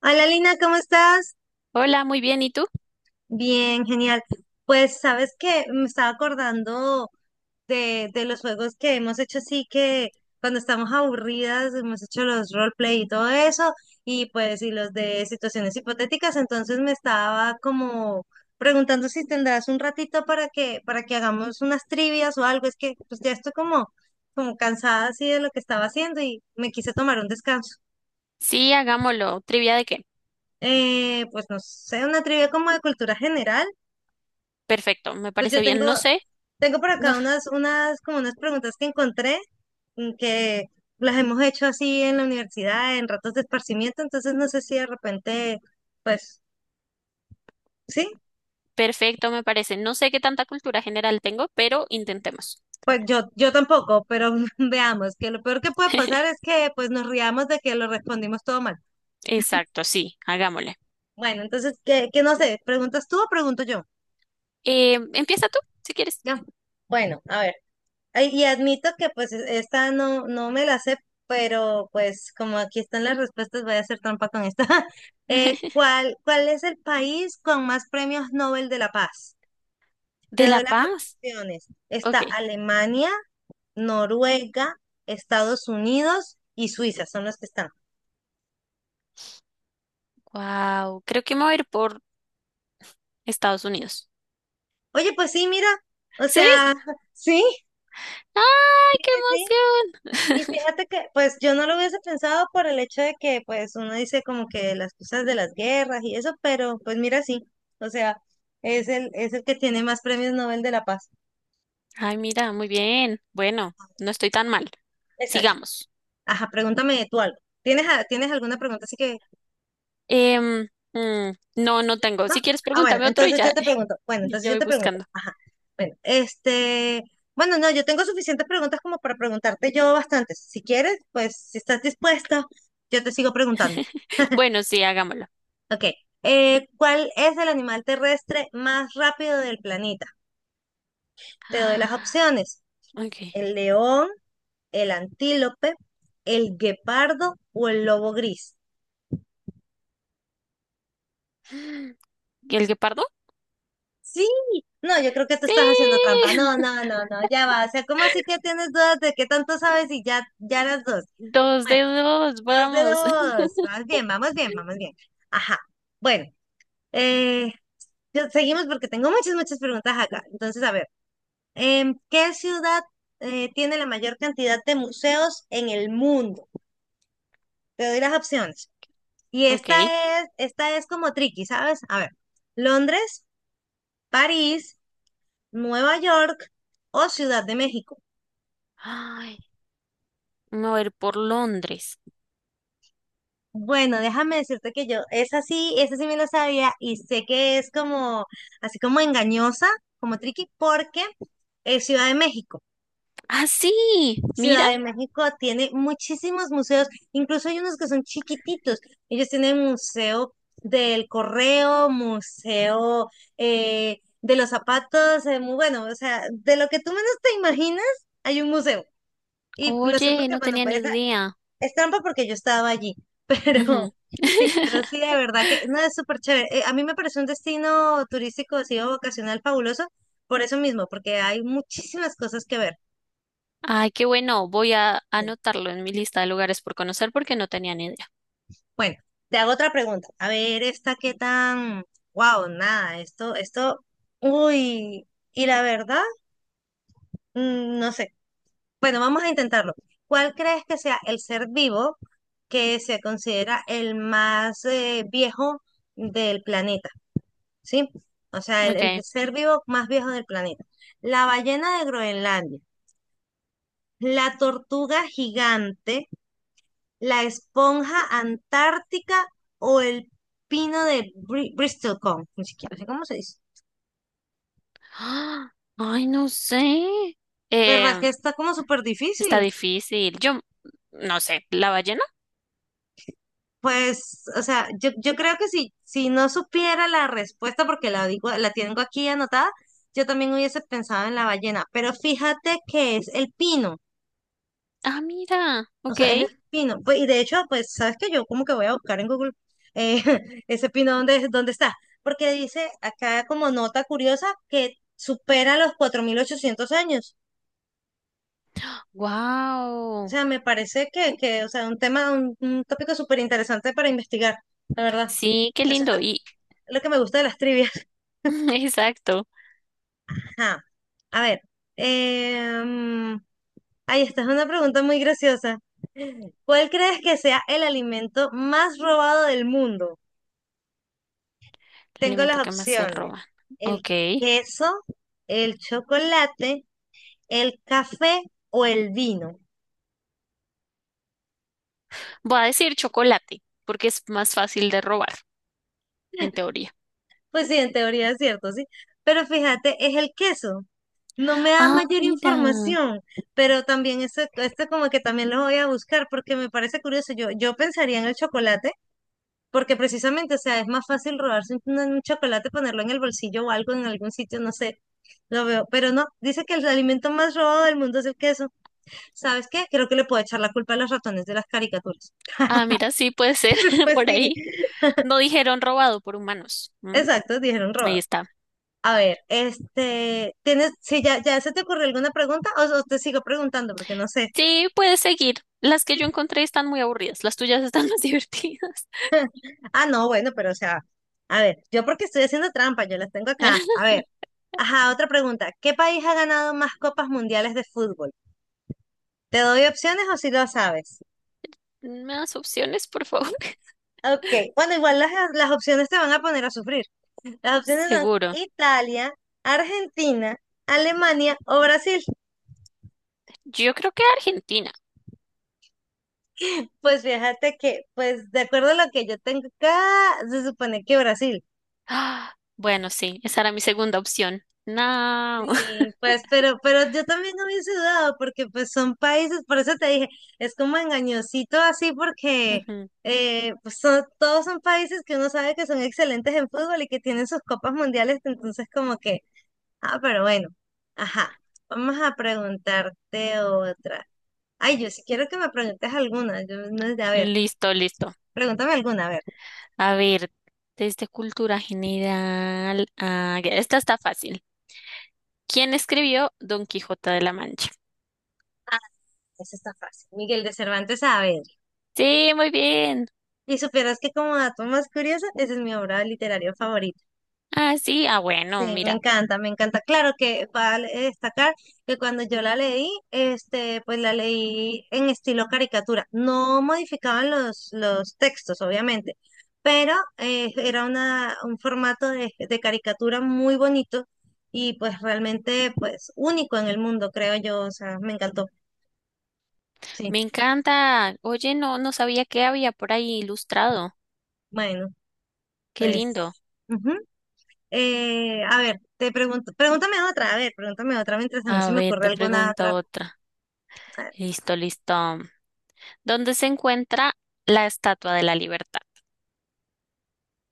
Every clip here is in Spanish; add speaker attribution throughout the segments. Speaker 1: Hola Lina, ¿cómo estás?
Speaker 2: Hola, muy bien. ¿Y tú?
Speaker 1: Bien, genial. Pues sabes que me estaba acordando de los juegos que hemos hecho así que cuando estamos aburridas hemos hecho los roleplay y todo eso y pues los de situaciones hipotéticas, entonces me estaba como preguntando si tendrás un ratito para que hagamos unas trivias o algo, es que pues ya estoy como cansada así de lo que estaba haciendo y me quise tomar un descanso.
Speaker 2: Sí, hagámoslo. ¿Trivia de qué?
Speaker 1: Pues no sé, una trivia como de cultura general.
Speaker 2: Perfecto, me
Speaker 1: Pues
Speaker 2: parece
Speaker 1: yo
Speaker 2: bien.
Speaker 1: tengo,
Speaker 2: No sé,
Speaker 1: tengo por
Speaker 2: no,
Speaker 1: acá como unas preguntas que encontré, que las hemos hecho así en la universidad, en ratos de esparcimiento, entonces no sé si de repente, pues, sí,
Speaker 2: perfecto, me parece. No sé qué tanta cultura general tengo, pero intentemos.
Speaker 1: pues yo tampoco, pero veamos, que lo peor que puede pasar es que pues nos riamos de que lo respondimos todo mal.
Speaker 2: Exacto, sí, hagámosle.
Speaker 1: Bueno, entonces, que no sé, ¿preguntas tú o pregunto yo?
Speaker 2: Empieza tú, si quieres.
Speaker 1: Ya. Bueno, a ver. Ay, y admito que pues esta no, no me la sé, pero pues como aquí están las respuestas, voy a hacer trampa con esta. ¿Cuál es el país con más premios Nobel de la Paz?
Speaker 2: ¿De
Speaker 1: Te
Speaker 2: La
Speaker 1: doy las
Speaker 2: Paz?
Speaker 1: opciones. Está
Speaker 2: Ok.
Speaker 1: Alemania, Noruega, Estados Unidos y Suiza, son los que están.
Speaker 2: Wow, creo que me voy a ir por Estados Unidos.
Speaker 1: Oye, pues sí, mira, o
Speaker 2: ¿Sí?
Speaker 1: sea, Sí,
Speaker 2: ¡Ay,
Speaker 1: sí,
Speaker 2: qué
Speaker 1: sí. Y
Speaker 2: emoción!
Speaker 1: fíjate que, pues yo no lo hubiese pensado por el hecho de que, pues uno dice como que las cosas de las guerras y eso, pero pues mira, sí, o sea, es el que tiene más premios Nobel de la Paz.
Speaker 2: Ay, mira, muy bien. Bueno, no estoy tan mal.
Speaker 1: Exacto.
Speaker 2: Sigamos.
Speaker 1: Ajá, pregúntame tú algo. ¿Tienes, tienes alguna pregunta? Así que,
Speaker 2: Em, no tengo.
Speaker 1: ¿no?
Speaker 2: Si quieres,
Speaker 1: Ah, bueno,
Speaker 2: pregúntame otro y
Speaker 1: entonces
Speaker 2: ya.
Speaker 1: yo te pregunto. Bueno,
Speaker 2: Y
Speaker 1: entonces
Speaker 2: ya
Speaker 1: yo
Speaker 2: voy
Speaker 1: te pregunto.
Speaker 2: buscando.
Speaker 1: Ajá. Bueno, este, bueno, no, yo tengo suficientes preguntas como para preguntarte yo bastantes. Si quieres, pues si estás dispuesta, yo te sigo preguntando.
Speaker 2: Bueno, sí, hagámoslo.
Speaker 1: Ok. ¿Cuál es el animal terrestre más rápido del planeta? Te doy las
Speaker 2: Ah,
Speaker 1: opciones.
Speaker 2: Ok.
Speaker 1: El león, el antílope, el guepardo o el lobo gris.
Speaker 2: ¿Y el guepardo?
Speaker 1: Sí, no, yo creo que tú
Speaker 2: Sí.
Speaker 1: estás haciendo trampa. No, no, no, no, ya va. O sea, ¿cómo así que tienes dudas de qué tanto sabes y ya, ya las dos?
Speaker 2: Dos de
Speaker 1: Bueno,
Speaker 2: dos,
Speaker 1: dos de
Speaker 2: vamos.
Speaker 1: dos. Vamos bien, vamos bien, vamos bien. Ajá. Bueno, eh, seguimos porque tengo muchas, muchas preguntas acá. Entonces, a ver. ¿Qué ciudad tiene la mayor cantidad de museos en el mundo? Te doy las opciones. Y
Speaker 2: Ok.
Speaker 1: esta es como tricky, ¿sabes? A ver, Londres, París, Nueva York o Ciudad de México.
Speaker 2: Ay, me voy a ir por Londres.
Speaker 1: Bueno, déjame decirte que yo, esa sí me lo sabía y sé que es como, así como engañosa, como tricky, porque es Ciudad de México.
Speaker 2: Ah, sí. Mira.
Speaker 1: Ciudad de México tiene muchísimos museos, incluso hay unos que son chiquititos. Ellos tienen museo del correo, museo de los zapatos, muy bueno, o sea, de lo que tú menos te imaginas, hay un museo. Y lo sé
Speaker 2: Oye,
Speaker 1: porque,
Speaker 2: no
Speaker 1: bueno,
Speaker 2: tenía ni
Speaker 1: pues
Speaker 2: idea.
Speaker 1: es trampa porque yo estaba allí, pero
Speaker 2: Ujú.
Speaker 1: sí, pero sí, de verdad que no es súper chévere. A mí me parece un destino turístico, así o vacacional fabuloso, por eso mismo, porque hay muchísimas cosas que ver.
Speaker 2: Ay, qué bueno. Voy a anotarlo en mi lista de lugares por conocer porque no tenía ni idea.
Speaker 1: Bueno, te hago otra pregunta. A ver, esta qué tan. Wow, nada, esto, esto. Uy, y la verdad, no sé. Bueno, vamos a intentarlo. ¿Cuál crees que sea el ser vivo que se considera el más viejo del planeta? ¿Sí? O sea, el
Speaker 2: Okay.
Speaker 1: ser vivo más viejo del planeta. La ballena de Groenlandia, la tortuga gigante, la esponja antártica o el pino de Bristol Cone, ni siquiera sé cómo se dice.
Speaker 2: ¡Ah! Ay, no sé.
Speaker 1: ¿Verdad
Speaker 2: Eh,
Speaker 1: que está como súper difícil?
Speaker 2: Está difícil. Yo no sé. ¿La ballena?
Speaker 1: Pues, o sea, yo creo que si no supiera la respuesta, porque la digo, la tengo aquí anotada, yo también hubiese pensado en la ballena. Pero fíjate que es el pino.
Speaker 2: Ah, mira.
Speaker 1: O
Speaker 2: Ok.
Speaker 1: sea, es el pino. Pues, y de hecho, pues, ¿sabes qué? Yo como que voy a buscar en Google eh, ese pino dónde, dónde está. Porque dice acá como nota curiosa que supera los 4.800 años. O
Speaker 2: Wow.
Speaker 1: sea, me parece que, o sea, un tema, un tópico súper interesante para investigar, la verdad.
Speaker 2: Sí, qué
Speaker 1: Eso es
Speaker 2: lindo. Y
Speaker 1: lo que me gusta de las trivias.
Speaker 2: exacto.
Speaker 1: Ajá. A ver, em, ahí está, es una pregunta muy graciosa. ¿Cuál crees que sea el alimento más robado del mundo?
Speaker 2: El
Speaker 1: Tengo
Speaker 2: alimento
Speaker 1: las
Speaker 2: que más se
Speaker 1: opciones.
Speaker 2: roban.
Speaker 1: El
Speaker 2: Ok.
Speaker 1: queso, el chocolate, el café o el vino.
Speaker 2: Voy a decir chocolate porque es más fácil de robar, en teoría.
Speaker 1: Pues sí, en teoría es cierto, sí. Pero fíjate, es el queso. No me da
Speaker 2: Ah,
Speaker 1: mayor
Speaker 2: mira.
Speaker 1: información, pero también eso, esto como que también lo voy a buscar porque me parece curioso. Yo pensaría en el chocolate porque precisamente, o sea, es más fácil robarse un chocolate, ponerlo en el bolsillo o algo en algún sitio, no sé, lo veo. Pero no, dice que el alimento más robado del mundo es el queso. ¿Sabes qué? Creo que le puedo echar la culpa a los ratones de las caricaturas.
Speaker 2: Ah, mira, sí puede ser
Speaker 1: Pues
Speaker 2: por
Speaker 1: sí,
Speaker 2: ahí. No dijeron robado por humanos.
Speaker 1: exacto, dijeron
Speaker 2: Ahí
Speaker 1: robados.
Speaker 2: está.
Speaker 1: A ver, este, ¿tienes, si ya se te ocurrió alguna pregunta o te sigo preguntando porque no sé?
Speaker 2: Sí, puedes seguir. Las que
Speaker 1: Sí.
Speaker 2: yo encontré están muy aburridas. Las tuyas están más divertidas.
Speaker 1: Ah, no, bueno, pero o sea, a ver, yo porque estoy haciendo trampa, yo las tengo acá. A ver, ajá, otra pregunta. ¿Qué país ha ganado más copas mundiales de fútbol? ¿Te doy opciones o si lo sabes?
Speaker 2: Más opciones, por favor.
Speaker 1: Ok, bueno, igual las opciones te van a poner a sufrir. Las opciones son
Speaker 2: Seguro.
Speaker 1: Italia, Argentina, Alemania o Brasil.
Speaker 2: Yo creo que Argentina.
Speaker 1: Pues fíjate que, pues de acuerdo a lo que yo tengo acá, se supone que Brasil.
Speaker 2: Ah, bueno, sí, esa era mi segunda opción. No.
Speaker 1: Sí, pues, pero yo también no hubiese dudado, porque pues son países, por eso te dije, es como engañosito así, porque
Speaker 2: Ujú.
Speaker 1: pues, todos son países que uno sabe que son excelentes en fútbol y que tienen sus copas mundiales, entonces como que, ah, pero bueno, ajá, vamos a preguntarte otra. Ay, yo si quiero que me preguntes alguna, yo, no, a ver,
Speaker 2: Listo, listo.
Speaker 1: pregúntame alguna, a ver.
Speaker 2: A ver, desde cultura general. Ah, ya, esta está fácil. ¿Quién escribió Don Quijote de la Mancha?
Speaker 1: Esa está fácil. Miguel de Cervantes Saavedra.
Speaker 2: Sí, muy bien.
Speaker 1: Y supieras que como dato más curioso, esa es mi obra literaria favorita.
Speaker 2: Ah, sí. Ah, bueno,
Speaker 1: Sí, me
Speaker 2: mira.
Speaker 1: encanta, me encanta. Claro que vale destacar que cuando yo la leí, este, pues la leí en estilo caricatura. No modificaban los textos, obviamente, pero era un formato de caricatura muy bonito y pues realmente pues único en el mundo, creo yo. O sea, me encantó. Sí,
Speaker 2: Me encanta. Oye, no sabía que había por ahí ilustrado.
Speaker 1: bueno,
Speaker 2: Qué lindo.
Speaker 1: pues. Ujú. A ver, te pregunto, pregúntame otra, a ver, pregúntame otra mientras a mí se
Speaker 2: A
Speaker 1: me
Speaker 2: ver,
Speaker 1: ocurre
Speaker 2: te
Speaker 1: alguna
Speaker 2: pregunto
Speaker 1: otra.
Speaker 2: otra.
Speaker 1: A ver.
Speaker 2: Listo, listo. ¿Dónde se encuentra la Estatua de la Libertad?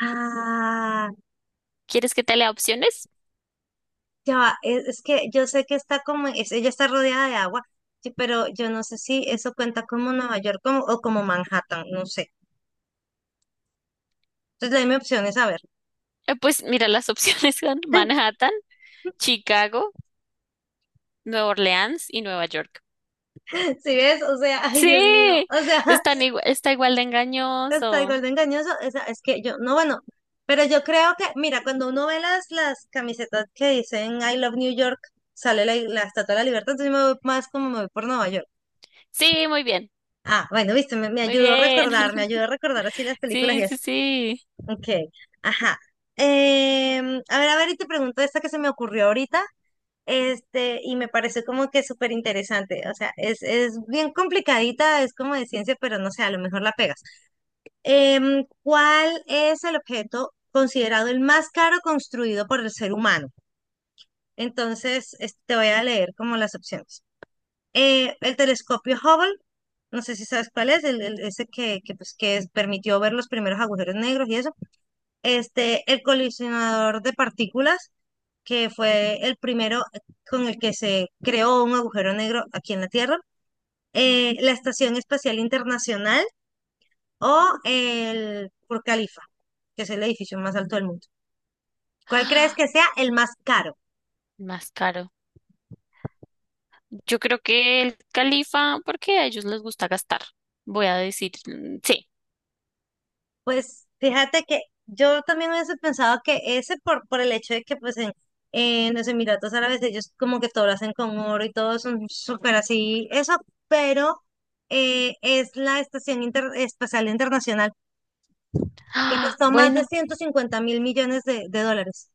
Speaker 1: Ah,
Speaker 2: ¿Quieres que te lea opciones?
Speaker 1: ya va, es que yo sé que está como, ella está rodeada de agua, sí, pero yo no sé si eso cuenta como Nueva York como, o como Manhattan, no sé. Entonces, dame opciones, a ver.
Speaker 2: Pues mira, las opciones son Manhattan, Chicago, Nueva Orleans y Nueva York.
Speaker 1: ¿Si ves? O sea, ay, Dios mío,
Speaker 2: Sí,
Speaker 1: o sea,
Speaker 2: está igual de
Speaker 1: hasta el
Speaker 2: engañoso.
Speaker 1: gordo engañoso, es que yo, no, bueno, pero yo creo que, mira, cuando uno ve las camisetas que dicen I love New York, sale la Estatua de la Libertad, entonces yo me voy más como me voy por Nueva York.
Speaker 2: Sí, muy bien,
Speaker 1: Ah, bueno, viste, me,
Speaker 2: muy
Speaker 1: ayudó a
Speaker 2: bien.
Speaker 1: recordar, me ayudó a recordar así las películas y
Speaker 2: Sí, sí,
Speaker 1: así.
Speaker 2: sí.
Speaker 1: Ok, ajá. A ver, a ver, y te pregunto esta que se me ocurrió ahorita, este, y me pareció como que súper interesante, o sea, es bien complicadita, es como de ciencia, pero no sé, a lo mejor la pegas. ¿Cuál es el objeto considerado el más caro construido por el ser humano? Entonces, te voy a leer como las opciones. El telescopio Hubble, no sé si sabes cuál es, ese que permitió ver los primeros agujeros negros y eso. Este, el colisionador de partículas, que fue el primero con el que se creó un agujero negro aquí en la Tierra.
Speaker 2: Ok,
Speaker 1: La Estación Espacial Internacional o el Burj Khalifa, que es el edificio más alto del mundo. ¿Cuál crees que sea el más caro?
Speaker 2: más caro. Yo creo que el califa, porque a ellos les gusta gastar. Voy a decir, sí.
Speaker 1: Pues fíjate que yo también hubiese pensado que ese por, el hecho de que pues en los Emiratos Árabes ellos como que todo lo hacen con oro y todo son súper así, eso, pero es la Estación Espacial Internacional que
Speaker 2: Ah,
Speaker 1: costó más de
Speaker 2: bueno,
Speaker 1: 150.000 millones de dólares.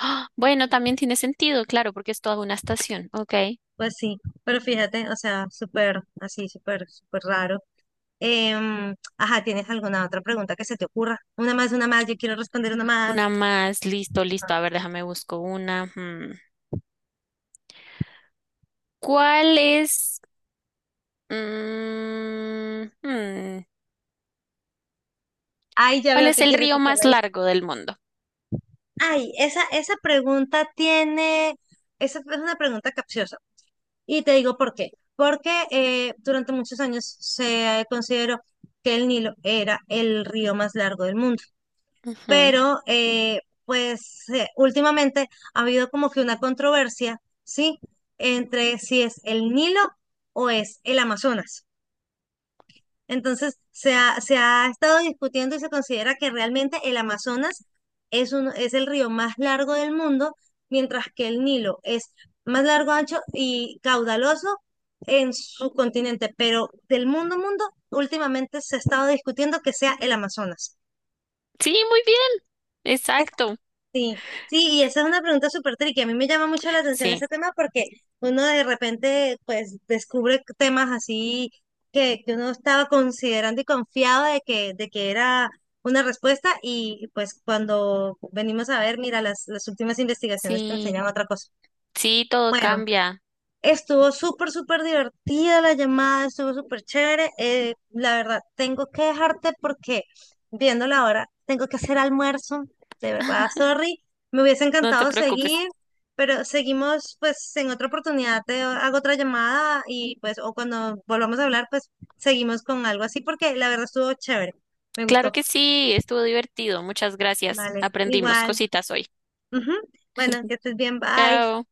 Speaker 2: ah, bueno, también tiene sentido, claro, porque es toda una estación. Ok,
Speaker 1: Pues sí, pero fíjate, o sea, súper así, súper, súper raro. Ajá, ¿tienes alguna otra pregunta que se te ocurra? Una más, yo quiero responder una
Speaker 2: una
Speaker 1: más.
Speaker 2: más, listo, listo. A ver, déjame busco una. Hmm. ¿Cuál es, mm, hmm,
Speaker 1: Ay, ya
Speaker 2: ¿Cuál
Speaker 1: veo
Speaker 2: es
Speaker 1: que
Speaker 2: el
Speaker 1: quieres
Speaker 2: río
Speaker 1: hacerla
Speaker 2: más
Speaker 1: difícil.
Speaker 2: largo del mundo?
Speaker 1: Ay, esa es una pregunta capciosa. Y te digo por qué. Porque durante muchos años se consideró que el Nilo era el río más largo del mundo.
Speaker 2: Ujú.
Speaker 1: Pero, pues, últimamente ha habido como que una controversia, ¿sí? Entre si es el Nilo o es el Amazonas. Entonces, se ha estado discutiendo y se considera que realmente el Amazonas es el río más largo del mundo, mientras que el Nilo es más largo, ancho y caudaloso en su continente, pero del mundo, mundo, últimamente se ha estado discutiendo que sea el Amazonas.
Speaker 2: Sí, muy bien, exacto.
Speaker 1: Sí, sí, y esa es una pregunta súper tricky. A mí me llama mucho la atención
Speaker 2: Sí,
Speaker 1: ese tema porque uno de repente pues descubre temas así que uno estaba considerando y confiado de que era una respuesta y pues cuando venimos a ver, mira, las últimas investigaciones te
Speaker 2: sí,
Speaker 1: enseñan otra cosa.
Speaker 2: sí, todo
Speaker 1: Bueno.
Speaker 2: cambia.
Speaker 1: Estuvo súper, súper divertida la llamada, estuvo súper chévere. La verdad, tengo que dejarte porque viendo la hora, tengo que hacer almuerzo. De verdad, sorry. Me hubiese
Speaker 2: No te
Speaker 1: encantado
Speaker 2: preocupes.
Speaker 1: seguir, pero seguimos pues en otra oportunidad. Te hago otra llamada y pues, o cuando volvamos a hablar, pues seguimos con algo así porque la verdad estuvo chévere. Me
Speaker 2: Claro
Speaker 1: gustó.
Speaker 2: que sí, estuvo divertido. Muchas gracias.
Speaker 1: Vale,
Speaker 2: Aprendimos
Speaker 1: igual.
Speaker 2: cositas hoy.
Speaker 1: Ujú. Bueno, que estés bien, bye.
Speaker 2: Chao.